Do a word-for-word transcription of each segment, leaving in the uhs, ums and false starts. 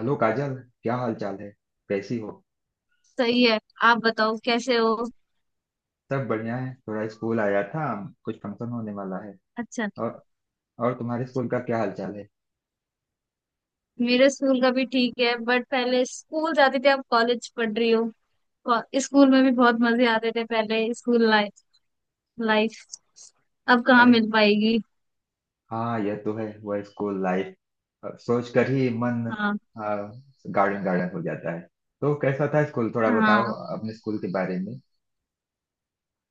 Hello Kajal. क्या हाल चाल है? कैसी हो? सही है। आप बताओ कैसे हो। सब बढ़िया है, थोड़ा स्कूल आया था। कुछ फंक्शन होने वाला है। अच्छा। और और तुम्हारे स्कूल का क्या हाल चाल है? मेरे स्कूल का भी ठीक है, बट पहले स्कूल जाते थे, अब कॉलेज पढ़ रही हो। को- स्कूल में भी बहुत मजे आते थे पहले। स्कूल लाइफ लाइफ अब कहाँ अरे, मिल पाएगी। हाँ यह तो है, वह स्कूल लाइफ। अब सोच कर ही मन हाँ। गार्डन गार्डन हो जाता है। तो कैसा था स्कूल, थोड़ा बताओ हाँ। अपने स्कूल के बारे में।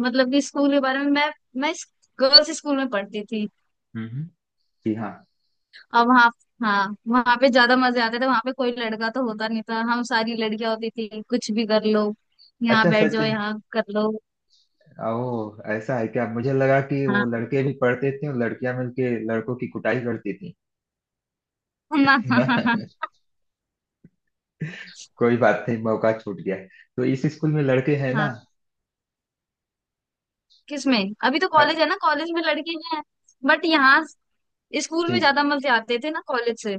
मतलब कि स्कूल के बारे में मैं मैं गर्ल्स स्कूल में पढ़ती थी। हम्म। जी हाँ। अब वहाँ, हाँ वहाँ पे ज्यादा मजे आते थे। वहाँ पे कोई लड़का तो होता नहीं था, हम सारी लड़कियां होती थी, कुछ भी कर लो, यहाँ अच्छा, बैठ सच? जाओ, यहाँ कर लो। ओ, ऐसा है क्या? मुझे लगा कि वो हाँ। लड़के भी पढ़ते थे और लड़कियां मिलके लड़कों की कुटाई करती ना। थी। कोई बात नहीं, मौका छूट गया। तो इस स्कूल में लड़के हैं ना? हाँ। किसमें? अभी तो कॉलेज अ, है ना, कॉलेज में लड़के हैं। बट यहाँ स्कूल जी में ज्यादा मजे आते थे ना कॉलेज से।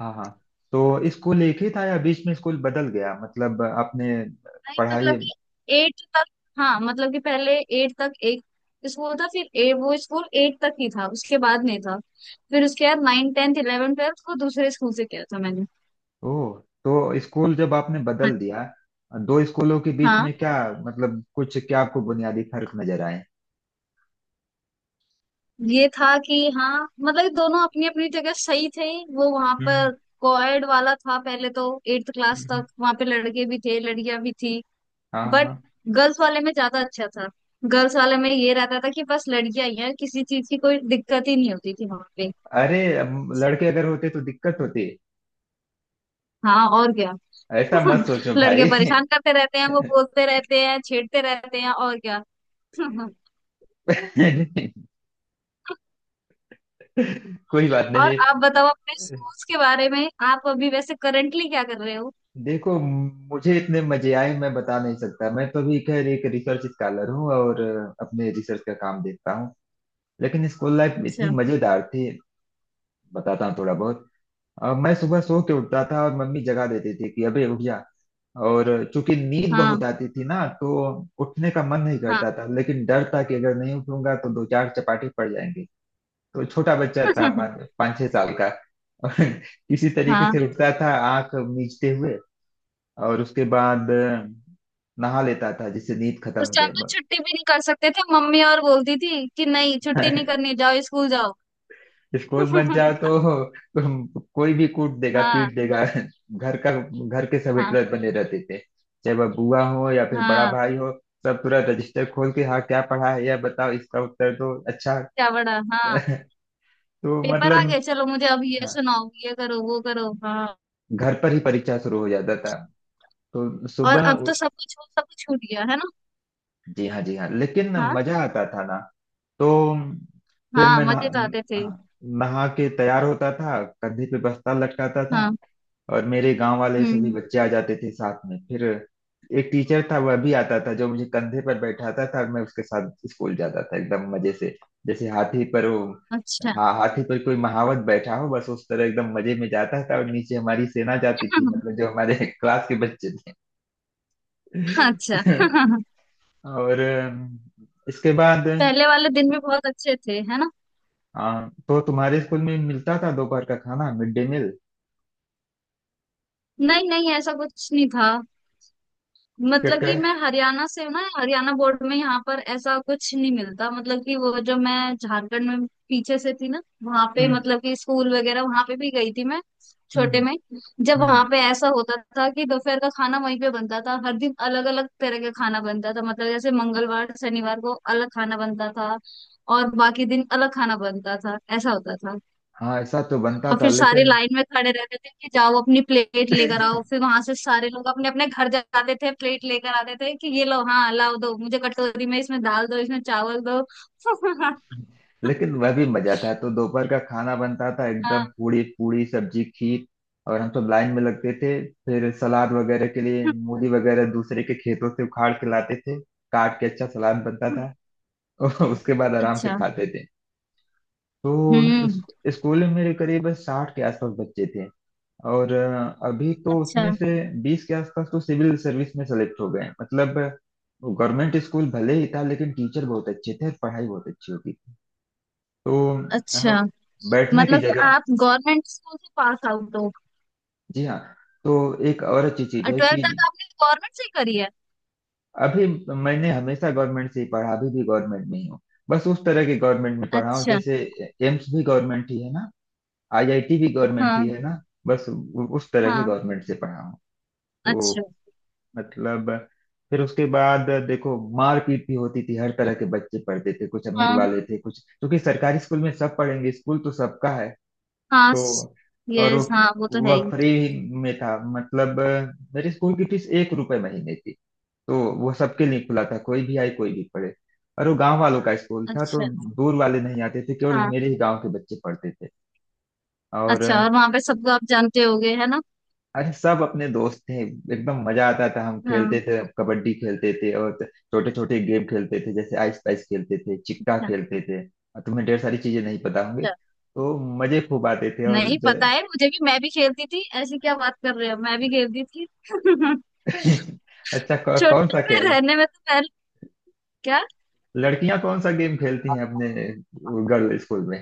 हाँ, हाँ। तो स्कूल एक ही था या बीच में स्कूल बदल गया, मतलब आपने नहीं, पढ़ाई? मतलब कि एट तक। हाँ, मतलब कि पहले एट तक एक स्कूल था, फिर ए, वो स्कूल एट तक ही था, उसके बाद नहीं था। फिर उसके बाद नाइन टेंथ इलेवन ट्वेल्थ को दूसरे स्कूल से किया था मैंने। ओह, तो स्कूल जब आपने हाँ। बदल दिया दो स्कूलों के बीच हाँ, में, क्या मतलब कुछ क्या आपको बुनियादी फर्क नजर आए? ये था कि हाँ मतलब कि दोनों अपनी अपनी जगह सही थे। वो वहां पर हम्म। कोएड वाला था पहले तो। एट्थ क्लास हम्म। तक वहां पे लड़के भी थे, लड़कियां भी थी। हाँ, बट हाँ। गर्ल्स वाले में ज्यादा अच्छा था। गर्ल्स वाले में ये रहता था कि बस लड़कियां ही हैं, किसी चीज की कोई दिक्कत ही नहीं होती थी वहां पे। अरे, अब लड़के अगर होते तो दिक्कत होती। हाँ और क्या। ऐसा मत सोचो लड़के भाई। परेशान करते रहते हैं, वो बोलते रहते हैं, छेड़ते रहते हैं, और क्या। कोई बात और नहीं। आप बताओ अपने स्कूल्स के बारे में। आप अभी वैसे करंटली क्या कर रहे हो? देखो, मुझे इतने मजे आए मैं बता नहीं सकता। मैं तो भी खैर एक रिसर्च स्कॉलर हूँ और अपने रिसर्च का काम देखता हूँ। लेकिन स्कूल लाइफ अच्छा। इतनी मजेदार थी, बताता हूँ थोड़ा बहुत। अ, मैं सुबह सो के उठता था और मम्मी जगा देती थी कि अबे उठ जा। और चूंकि नींद हाँ। बहुत आती थी ना, तो उठने का मन नहीं हाँ। करता था। लेकिन डर था कि अगर नहीं उठूंगा तो दो चार चपाटी पड़ जाएंगे। तो छोटा बच्चा था, पाँच पाँच छह साल का। और किसी तरीके हाँ, से उठता था, आंख मीचते हुए। और उसके बाद अ, नहा लेता था, जिससे नींद खत्म उस हो टाइम जाए। तो छुट्टी भी नहीं कर सकते थे। मम्मी और बोलती थी कि नहीं छुट्टी नहीं करनी, जाओ स्कूल जाओ। स्कूल बन जाओ तो तुम कोई भी कूट देगा हाँ। पीट देगा घर का। घर के सब हाँ। हिटलर बने रहते थे, चाहे वह बुआ हो या फिर बड़ा हाँ, भाई हो। सब पूरा रजिस्टर खोल के, हाँ क्या पढ़ा है, या बताओ इसका उत्तर दो। अच्छा। क्या बड़ा हाँ। तो पेपर आ मतलब, गया, चलो मुझे अब ये हाँ, सुनाओ, ये करो वो करो हाँ। घर पर ही परीक्षा शुरू हो जाता था। तो और सुबह अब उ- तो सब कुछ, सब कुछ छूट गया है ना। जी हाँ, जी हाँ, लेकिन हाँ। मजा आता था ना। तो फिर हाँ, मैं नहा मजे तो आते थे। नहा के तैयार होता था, कंधे पे बस्ता लटकाता था। हाँ। और मेरे गांव वाले सभी हम्म। बच्चे आ जाते थे साथ में। फिर एक टीचर था, वह भी आता था, जो मुझे कंधे पर बैठाता था और मैं उसके साथ स्कूल जाता था एकदम मजे से। जैसे हाथी पर वो, अच्छा। हा, हाथी पर कोई महावत बैठा हो, बस उस तरह एकदम मजे में जाता था। और नीचे हमारी सेना जाती थी, मतलब जो हमारे क्लास के बच्चे थे। अच्छा। और अम, इसके बाद, पहले वाले दिन भी बहुत अच्छे थे है ना। हाँ तो तुम्हारे स्कूल में मिलता था दोपहर का खाना, मिड डे मील? नहीं नहीं, ऐसा कुछ नहीं था। मतलब क्या। कि मैं हरियाणा से हूँ ना, हरियाणा बोर्ड में यहाँ पर ऐसा कुछ नहीं मिलता। मतलब कि वो जो मैं झारखंड में पीछे से थी ना, वहां पे, हम्म। मतलब कि स्कूल वगैरह वहां पे भी गई थी मैं छोटे हम्म। में। जब हम्म। वहां पे ऐसा होता था कि दोपहर का खाना वहीं पे बनता था। हर दिन अलग अलग तरह का खाना बनता था, मतलब जैसे मंगलवार शनिवार को अलग खाना बनता था और बाकी दिन अलग खाना बनता था, ऐसा होता था। हाँ, ऐसा तो बनता और था फिर सारे लेकिन लाइन में खड़े रहते थे कि जाओ अपनी प्लेट लेकर आओ, फिर वहां से सारे लोग अपने अपने घर जाते थे, प्लेट लेकर आते थे कि ये लो हाँ लाओ, दो मुझे कटोरी में, इसमें दाल दो, इसमें चावल दो। लेकिन वह भी मजा था। तो दोपहर का खाना बनता था एकदम, हाँ। पूरी पूरी सब्जी खीर। और हम सब लाइन में लगते थे। फिर सलाद वगैरह के लिए मूली वगैरह दूसरे के खेतों से उखाड़ के लाते थे, काट के अच्छा सलाद बनता था। और उसके बाद आराम से अच्छा। खाते थे। तो इस- हम्म। स्कूल में मेरे करीब साठ के आसपास बच्चे थे। और अ, अभी तो अच्छा। उसमें से बीस के आसपास तो सिविल सर्विस में सेलेक्ट हो गए हैं। मतलब गवर्नमेंट स्कूल भले ही था, लेकिन टीचर बहुत अच्छे थे और पढ़ाई बहुत अच्छी होती थी। तो अच्छा, अ, बैठने की मतलब कि जगह, आप गवर्नमेंट स्कूल से पास आउट हो। जी हाँ। तो एक और अच्छी चीज और है ट्वेल्थ कि तक आपने गवर्नमेंट से ही करी है? अभी मैंने हमेशा गवर्नमेंट से ही पढ़ा, अभी भी गवर्नमेंट में ही हूँ। बस उस तरह के गवर्नमेंट में पढ़ा हूँ अच्छा। जैसे एम्स भी गवर्नमेंट ही है ना, आईआईटी भी गवर्नमेंट ही हाँ। है ना, बस उ- उस तरह के हाँ। गवर्नमेंट से पढ़ा हूँ। अच्छा। तो मतलब, फिर उसके बाद देखो, मारपीट भी होती थी। हर तरह के बच्चे पढ़ते थे, कुछ अमीर हाँ वाले थे कुछ, क्योंकि सरकारी स्कूल में सब पढ़ेंगे, स्कूल तो सबका है। हाँ। तो और वो, यस, हाँ वो तो है वह ही। फ्री में था, मतलब मेरे स्कूल की फीस एक रुपए महीने थी। तो वो सबके लिए खुला था, कोई भी आए कोई भी पढ़े। और वो गांव वालों का स्कूल था, तो अच्छा। दूर वाले नहीं आते थे, केवल हाँ। मेरे ही गांव के बच्चे पढ़ते थे। अच्छा, और और वहां पे सबको आप जानते होगे है ना? अरे, सब अपने दोस्त थे, एकदम मजा आता था। हम हाँ। खेलते थे, कबड्डी खेलते थे और छोटे छोटे गेम खेलते थे, जैसे आइस पाइस खेलते थे, चिक्का अच्छा। खेलते थे। और तुम्हें ढेर सारी चीजें नहीं पता होंगी, अच्छा, तो मजे खूब आते थे। और नहीं पता ज... है मुझे भी, मैं भी खेलती थी, ऐसी क्या बात कर रहे हो, मैं भी खेलती थी। अच्छा, कौ, कौन छोटे सा में खेल, रहने में तो पहले, क्या, लड़कियां कौन सा गेम खेलती हैं अपने गर्ल स्कूल में?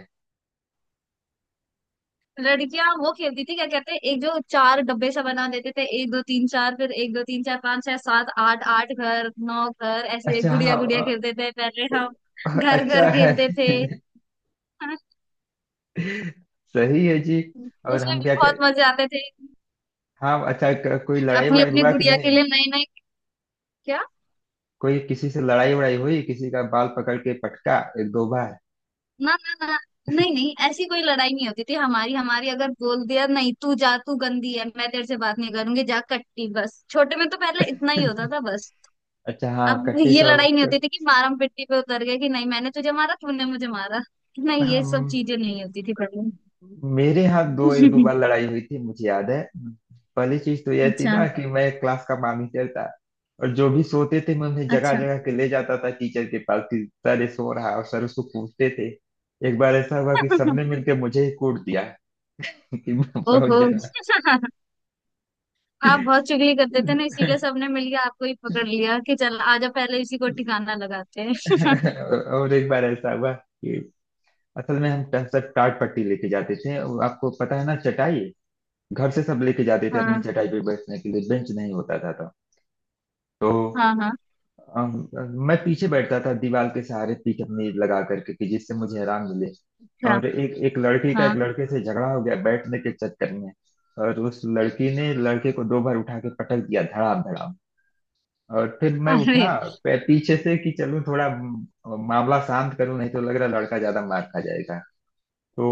लड़कियां वो खेलती थी, क्या कहते हैं, एक जो चार डब्बे सा बना देते थे, एक दो तीन चार, फिर एक दो तीन चार पाँच छह सात आठ, आठ घर नौ घर, ऐसे अच्छा, गुड़िया हाँ, गुड़िया अ- खेलते थे पहले हम, अ- घर घर अच्छा है। खेलते थे। हाँ, सही है जी। और उसमें हम भी क्या कह-, बहुत मजे आते थे। हाँ अच्छा, क- कोई लड़ाई अपनी वड़ाई अपनी हुआ कि गुड़िया के नहीं? लिए नई नई। क्या। कोई किसी से लड़ाई वड़ाई हुई, किसी का बाल पकड़ के पटका एक दो बार? ना ना ना, नहीं नहीं, ऐसी कोई लड़ाई नहीं होती थी हमारी हमारी। अगर बोल दिया नहीं तू जा, तू गंदी है, मैं तेरे से बात नहीं करूंगी, जा कट्टी, बस छोटे में तो पहले इतना ही होता था बस। अच्छा, हाँ, अब कट्टी ये तो। लड़ाई नहीं होती थी कि मारम पिट्टी पे उतर गए, कि नहीं मैंने तुझे मारा तूने मुझे मारा, नहीं ये सब हम- चीजें नहीं होती थी पहले। मेरे यहाँ दो, एक दो बार लड़ाई हुई थी मुझे याद है। पहली चीज तो यह थी अच्छा। ना कि मैं क्लास का मॉनिटर था, और जो भी सोते थे मैं उन्हें जगह अच्छा। जगह के ले जाता था टीचर के पास कि सर ये सो रहा है, और सर उसको कूटते थे। एक बार ऐसा हुआ कि सबने मिलकर मुझे ही कूट दिया कि मैं बहुत ओहो। जगह। आप बहुत चुगली करते थे ना, इसीलिए सबने मिलके आपको ही पकड़ लिया कि चल आजा, पहले इसी को ठिकाना लगाते हैं। और एक बार ऐसा हुआ, असल में हम पैंसठ टाट पट्टी लेके जाते थे, और आपको पता है ना, चटाई घर से सब लेके जाते थे अपनी हाँ। चटाई पे बैठने के लिए, बेंच नहीं होता था तब। तो हाँ। हाँ। अम, मैं पीछे बैठता था, दीवार के सहारे पीठ अपनी लगा करके, कि जिससे मुझे आराम मिले। अच्छा। और एक एक लड़की का हाँ। एक लड़के से झगड़ा हो गया बैठने के चक्कर में, और उस लड़की ने लड़के को दो बार उठा के पटक दिया, धड़ाम धड़ाम। और फिर मैं उठा अरे। पै- पीछे से, कि चलूं थोड़ा म, मामला शांत करूं, नहीं तो लग रहा लड़का ज्यादा मार खा जाएगा। तो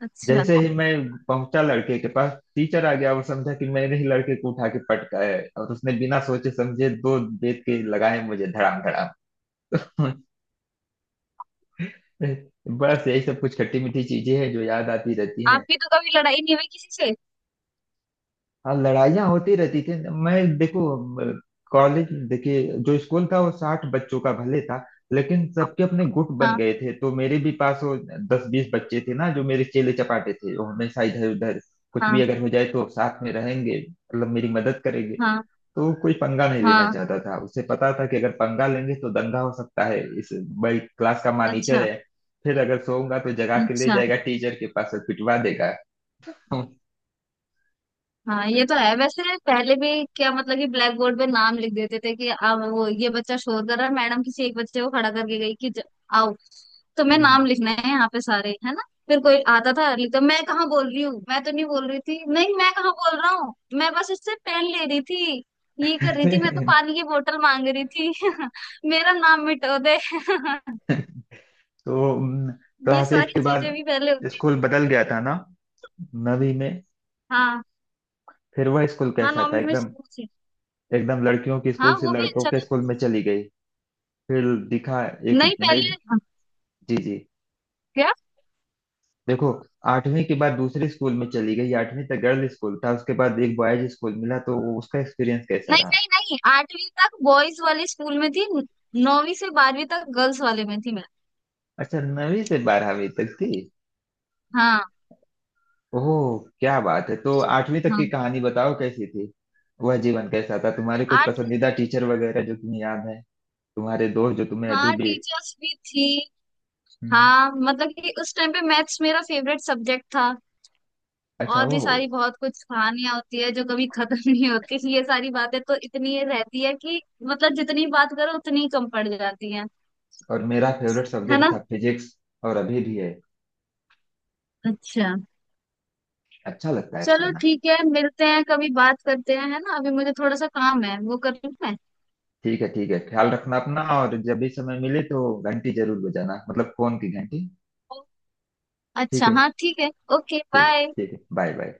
अच्छा। जैसे ही मैं पहुंचा लड़के के पास, टीचर आ गया और समझा कि मैंने ही लड़के को उठा के पटका है, और उसने बिना सोचे समझे दो बेत के लगाए मुझे, धड़ाम धड़ाम। बस यही सब कुछ खट्टी मीठी चीजें हैं जो याद आती रहती हैं। आपकी तो कभी लड़ाई नहीं हुई किसी से? हाँ, लड़ाइयाँ होती रहती थी। मैं देखो, म, कॉलेज देखिए, जो स्कूल था वो साठ बच्चों का भले था, लेकिन सबके अपने गुट बन हाँ। गए थे। तो मेरे भी पास वो दस बीस बच्चे थे ना, जो मेरे चेले चपाटे थे, वो हमेशा इधर उधर, कुछ भी हाँ। अगर हो जाए तो साथ में रहेंगे, मतलब मेरी मदद करेंगे। हाँ। तो वो कोई पंगा नहीं लेना हाँ। चाहता था, उसे पता था कि अगर पंगा लेंगे तो दंगा हो सकता है, इस भाई क्लास का मॉनिटर अच्छा। है, फिर अगर सोऊंगा तो जगा के ले अच्छा, जाएगा टीचर के पास और पिटवा देगा। हाँ ये तो है। वैसे पहले भी क्या, मतलब कि ब्लैक बोर्ड पे नाम लिख देते थे कि अब वो ये बच्चा शोर कर रहा है, मैडम किसी एक बच्चे को खड़ा करके गई कि ज- आओ, तुम्हें हम्म। नाम लिखना है यहाँ पे, सारे है ना। फिर कोई आता था लिखता, मैं कहाँ बोल रही हूँ, मैं तो नहीं बोल रही थी, नहीं मैं कहाँ बोल रहा हूँ, मैं बस इससे पेन ले रही थी, ये कर रही थी, मैं तो पानी की बोतल मांग रही थी। मेरा नाम मिटो दे। तो ये क्लास एट सारी के चीजें बाद भी पहले होती। स्कूल बदल गया था ना, नवी में? हाँ। फिर वह स्कूल हाँ, कैसा था नौवीं में एकदम, स्कूल से। एकदम लड़कियों के स्कूल हाँ से वो भी लड़कों अच्छा के था। स्कूल में चली गई? फिर दिखा एक नहीं नई, पहले, हाँ, जी जी, क्या। देखो आठवीं के बाद दूसरे स्कूल में चली गई, आठवीं तक गर्ल्स स्कूल था, उसके बाद एक बॉयज स्कूल मिला, तो वो उसका एक्सपीरियंस कैसा नहीं रहा? नहीं नहीं, आठवीं तक बॉयज वाले स्कूल में थी। नौवीं से बारहवीं तक गर्ल्स वाले में थी मैं। अच्छा, नवीं से बारहवीं तक थी। हाँ। ओह, क्या बात है। तो आठवीं तक की हाँ। कहानी बताओ, कैसी थी, वह जीवन कैसा था, तुम्हारे कुछ आठवीं। पसंदीदा टीचर वगैरह जो तुम्हें याद है, तुम्हारे दोस्त जो तुम्हें अभी हाँ भी, टीचर्स भी थी। हम्म। हाँ, मतलब कि उस टाइम पे मैथ्स मेरा फेवरेट सब्जेक्ट था। अच्छा, और भी वो, सारी बहुत कुछ कहानियां होती है जो कभी खत्म नहीं होती, ये सारी बातें तो इतनी ये रहती है कि, मतलब जितनी बात करो उतनी कम पड़ जाती है। और मेरा फेवरेट है सब्जेक्ट ना। था फिजिक्स, और अभी भी है, अच्छा। अच्छा लगता है चलो पढ़ना। ठीक है, मिलते हैं कभी, बात करते हैं है ना, अभी मुझे थोड़ा सा काम है वो कर लूँ मैं। ठीक है, ठीक है, ख्याल रखना अपना। और जब भी समय मिले तो घंटी जरूर बजाना, मतलब फोन की घंटी। अच्छा ठीक है। हाँ ठीक है। ओके ठीक, बाय। ठीक है, बाय बाय।